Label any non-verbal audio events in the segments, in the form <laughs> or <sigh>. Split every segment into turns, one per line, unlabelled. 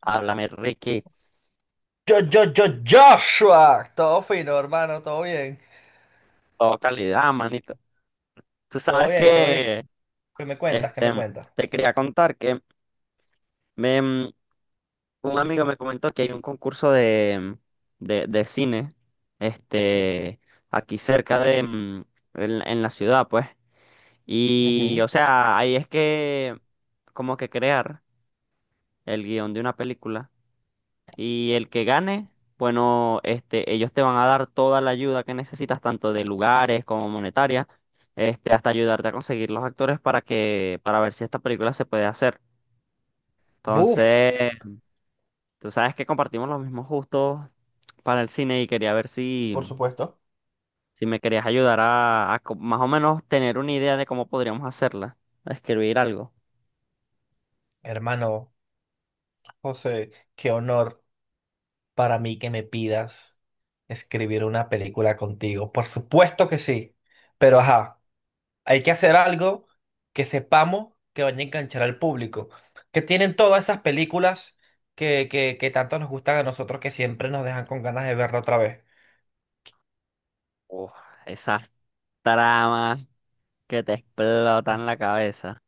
Háblame, Ricky.
Yo, Joshua. Todo fino, hermano, todo bien.
Todo calidad, manito. Tú
Todo
sabes
bien, todo bien.
que,
¿Qué me cuentas? ¿Qué
este,
me cuentas?
te quería contar que me, mm, un amigo me comentó que hay un concurso de cine, este, aquí cerca de, en la ciudad, pues. Y,
Ujú.
o sea, ahí es que, como que crear el guión de una película. Y el que gane, bueno, ellos te van a dar toda la ayuda que necesitas, tanto de lugares como monetaria, hasta ayudarte a conseguir los actores para que, para ver si esta película se puede hacer.
Buf,
Entonces, tú sabes que compartimos los mismos gustos para el cine y quería ver
por
si,
supuesto.
si me querías ayudar más o menos tener una idea de cómo podríamos hacerla, a escribir algo.
Hermano, José, qué honor para mí que me pidas escribir una película contigo. Por supuesto que sí. Pero ajá, hay que hacer algo que sepamos que vaya a enganchar al público. Que tienen todas esas películas que tanto nos gustan a nosotros que siempre nos dejan con ganas de verla otra vez.
Uf, esas tramas que te explotan la cabeza,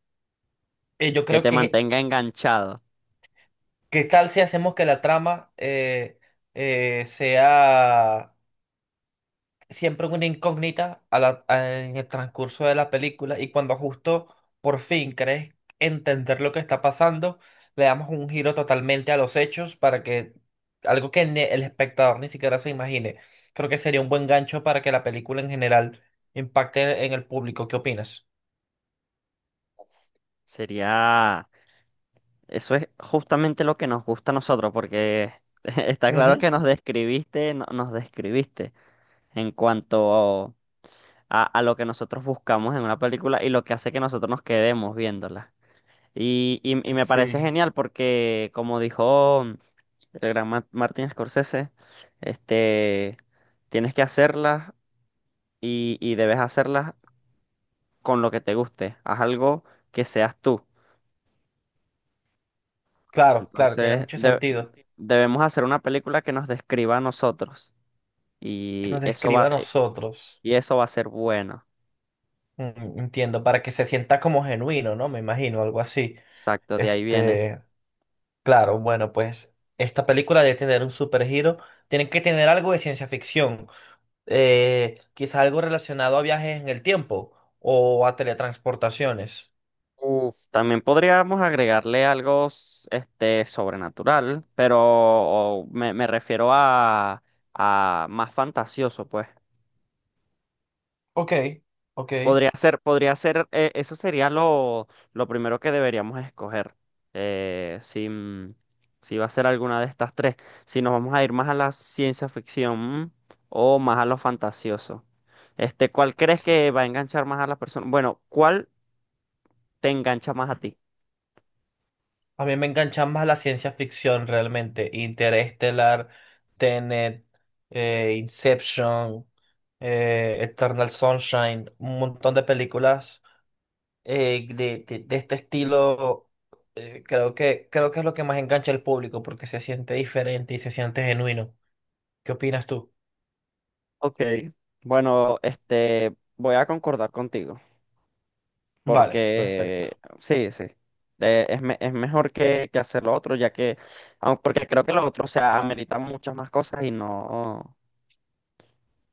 Yo
que
creo
te
que
mantenga enganchado.
¿Qué tal si hacemos que la trama sea siempre una incógnita en el transcurso de la película y cuando justo por fin crees entender lo que está pasando, le damos un giro totalmente a los hechos para que algo que el espectador ni siquiera se imagine? Creo que sería un buen gancho para que la película en general impacte en el público. ¿Qué opinas?
Sería, eso es justamente lo que nos gusta a nosotros, porque <laughs> está claro
Ujú.
que nos describiste, nos describiste en cuanto a lo que nosotros buscamos en una película y lo que hace que nosotros nos quedemos viéndola. Y me parece
Sí,
genial porque, como dijo el gran Martin Scorsese, este, tienes que hacerlas y debes hacerlas con lo que te guste. Haz algo que seas tú.
claro, claro, tiene
Entonces,
mucho
de-
sentido
Debemos hacer una película que nos describa a nosotros
que
y
nos describa a nosotros.
y eso va a ser bueno.
Entiendo, para que se sienta como genuino, ¿no? Me imagino, algo así.
Exacto, de ahí viene.
Este, claro, bueno, pues esta película debe tener un supergiro. Tienen que tener algo de ciencia ficción. Quizás algo relacionado a viajes en el tiempo o a teletransportaciones.
Uf, también podríamos agregarle sobrenatural, pero me refiero a más fantasioso, pues.
Ok, ok.
Podría ser, eso sería lo primero que deberíamos escoger. Eh, si, si va a ser alguna de estas tres. Si nos vamos a ir más a la ciencia ficción, mm, o más a lo fantasioso. ¿Cuál crees que va a enganchar más a las personas? Bueno, ¿cuál te engancha más a ti?
A mí me engancha más la ciencia ficción realmente. Interestelar, Tenet, Inception, Eternal Sunshine, un montón de películas de este estilo, creo que es lo que más engancha al público porque se siente diferente y se siente genuino. ¿Qué opinas tú?
Ok. Bueno, voy a concordar contigo.
Vale, perfecto.
Porque sí, sí. Es mejor que hacer lo otro, ya que, porque creo que lo otro, o sea, amerita muchas más cosas y no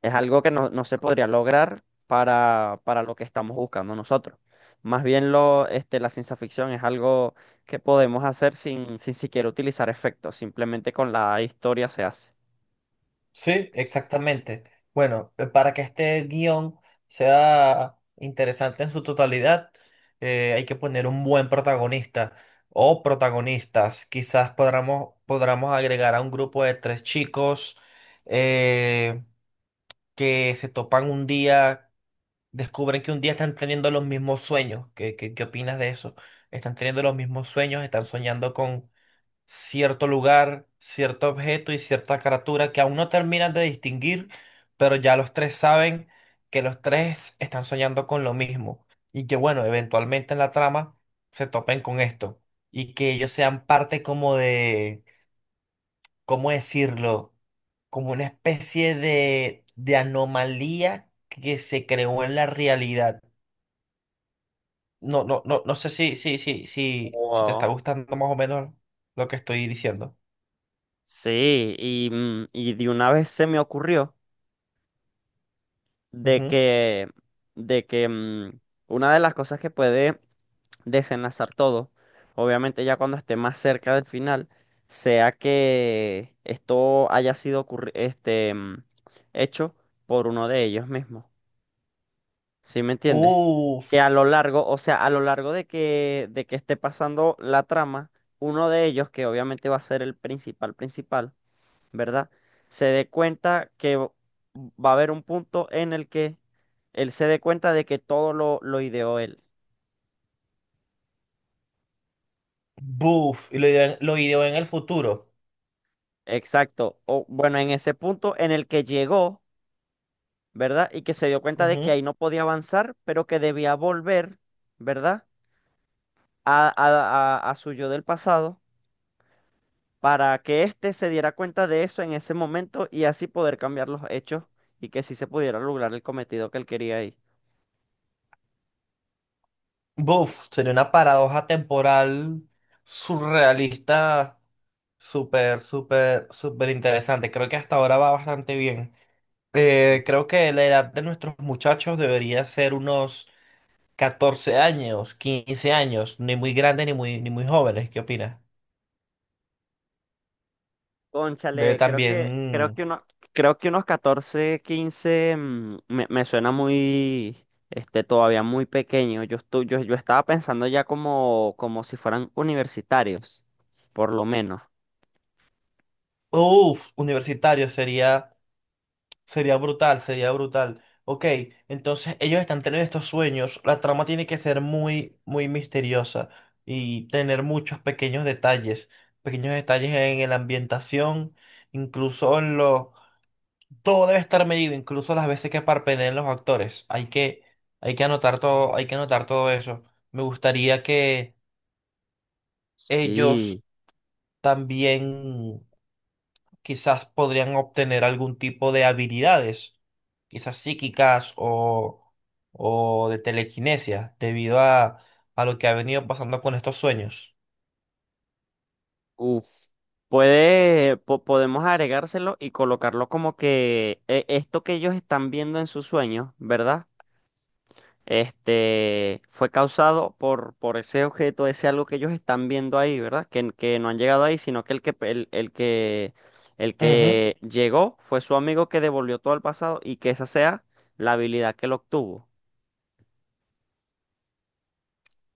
es algo que no, no se podría lograr para lo que estamos buscando nosotros. Más bien la ciencia ficción es algo que podemos hacer sin, sin siquiera utilizar efectos, simplemente con la historia se hace.
Sí, exactamente. Bueno, para que este guión sea interesante en su totalidad, hay que poner un buen protagonista o protagonistas. Quizás podamos agregar a un grupo de tres chicos, eh, que se topan un día, descubren que un día están teniendo los mismos sueños. ¿Qué opinas de eso? Están teniendo los mismos sueños, están soñando con cierto lugar, cierto objeto y cierta criatura que aún no terminan de distinguir, pero ya los tres saben que los tres están soñando con lo mismo y que, bueno, eventualmente en la trama se topen con esto y que ellos sean parte como de, ¿cómo decirlo? Como una especie de anomalía que se creó en la realidad. No, no sé si, te está
Wow.
gustando más o menos lo que estoy diciendo.
Sí, y de una vez se me ocurrió. de
Ujú.
que, de que mm, una de las cosas que puede desenlazar todo, obviamente ya cuando esté más cerca del final, sea que esto haya hecho por uno de ellos mismos. ¿Sí me entiendes? Que a
Uf,
lo largo, o sea, a lo largo de que esté pasando la trama, uno de ellos, que obviamente va a ser el principal principal, ¿verdad? Se dé cuenta que v- va a haber un punto en el que él se dé cuenta de que todo lo ideó él.
buf, y lo ideó en el futuro.
Exacto. O bueno, en ese punto en el que llegó, ¿verdad? Y que se dio cuenta de que ahí
Ujú.
no podía avanzar, pero que debía volver, ¿verdad? A, a, a su yo del pasado para que éste se diera cuenta de eso en ese momento y así poder cambiar los hechos y que sí se pudiera lograr el cometido que él quería ahí.
Buf, sería una paradoja temporal surrealista súper, súper, súper interesante. Creo que hasta ahora va bastante bien. Creo que la edad de nuestros muchachos debería ser unos 14 años, 15 años, ni muy grandes ni muy, ni muy jóvenes. ¿Qué opinas? Debe
Cónchale,
también.
creo que unos 14 quince, me suena muy, todavía muy pequeño. Yo estaba pensando ya como, como si fueran universitarios, por lo menos.
Uf, universitario sería brutal, sería brutal. Ok, entonces ellos están teniendo estos sueños. La trama tiene que ser muy, muy misteriosa y tener muchos pequeños detalles en la ambientación, incluso en lo... Todo debe estar medido, incluso las veces que parpadeen los actores. Hay que anotar todo, hay que anotar todo eso. Me gustaría que ellos
Sí.
también quizás podrían obtener algún tipo de habilidades, quizás psíquicas o de telequinesia, debido a lo que ha venido pasando con estos sueños.
Uf. Podemos agregárselo y colocarlo como que, esto que ellos están viendo en sus sueños, ¿verdad? Este fue causado por ese objeto, ese algo que ellos están viendo ahí, ¿verdad? Que no han llegado ahí, sino que el
Ujú.
que llegó fue su amigo que devolvió todo al pasado y que esa sea la habilidad que lo obtuvo.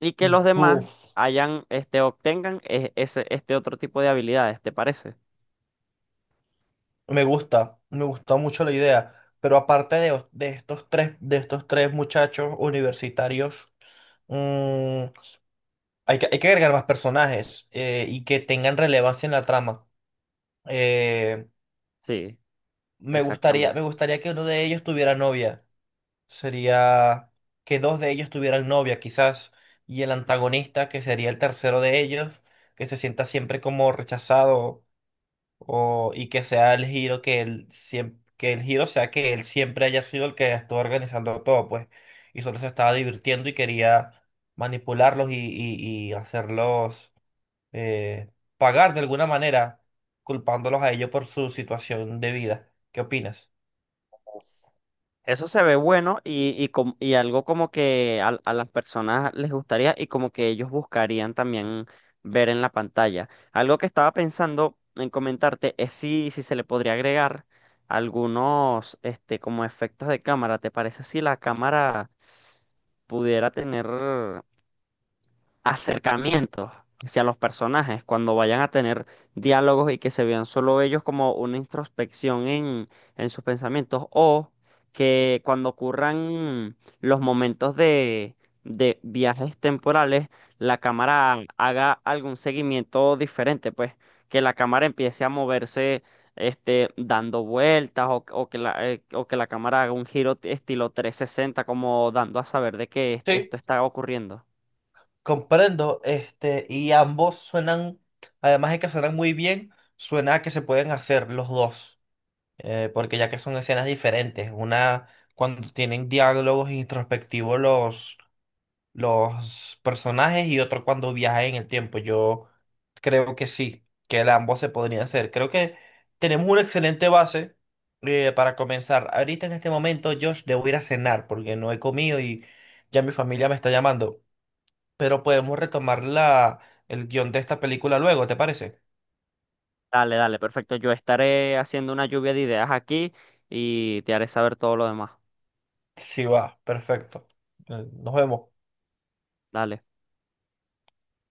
Y que los demás
Buf,
hayan, este otro tipo de habilidades, ¿te parece?
me gusta mucho la idea. Pero aparte de estos tres, de estos tres muchachos universitarios, mm, hay que agregar más personajes, y que tengan relevancia en la trama. Eh,
Sí,
me gustaría, me
exactamente.
gustaría que uno de ellos tuviera novia. Sería que dos de ellos tuvieran novia, quizás, y el antagonista, que sería el tercero de ellos, que se sienta siempre como rechazado o, y que sea el giro que él siempre, que el giro sea que él siempre haya sido el que estuvo organizando todo, pues, y solo se estaba divirtiendo y quería manipularlos y, y hacerlos, eh, pagar de alguna manera, culpándolos a ellos por su situación de vida. ¿Qué opinas?
Eso se ve bueno y algo como que a las personas les gustaría y como que ellos buscarían también ver en la pantalla. Algo que estaba pensando en comentarte es si, si se le podría agregar algunos, como efectos de cámara. ¿Te parece si la cámara pudiera tener acercamientos hacia los personajes, cuando vayan a tener diálogos y que se vean solo ellos como una introspección en sus pensamientos, o que cuando ocurran los momentos de viajes temporales, la cámara haga algún seguimiento diferente, pues que la cámara empiece a moverse. Dando vueltas o, o que la cámara haga un giro estilo 360, como dando a saber de que
Sí,
esto está ocurriendo.
comprendo, y ambos suenan, además de que suenan muy bien, suena a que se pueden hacer los dos, porque ya que son escenas diferentes, una cuando tienen diálogos introspectivos los personajes y otro cuando viajan en el tiempo. Yo creo que sí, que el ambos se podrían hacer. Creo que tenemos una excelente base, para comenzar. Ahorita en este momento, Josh, debo ir a cenar porque no he comido y ya mi familia me está llamando. Pero podemos retomar el guión de esta película luego, ¿te parece?
Dale, dale, perfecto. Yo estaré haciendo una lluvia de ideas aquí y te haré saber todo lo demás.
Sí, va, perfecto. Nos vemos.
Dale.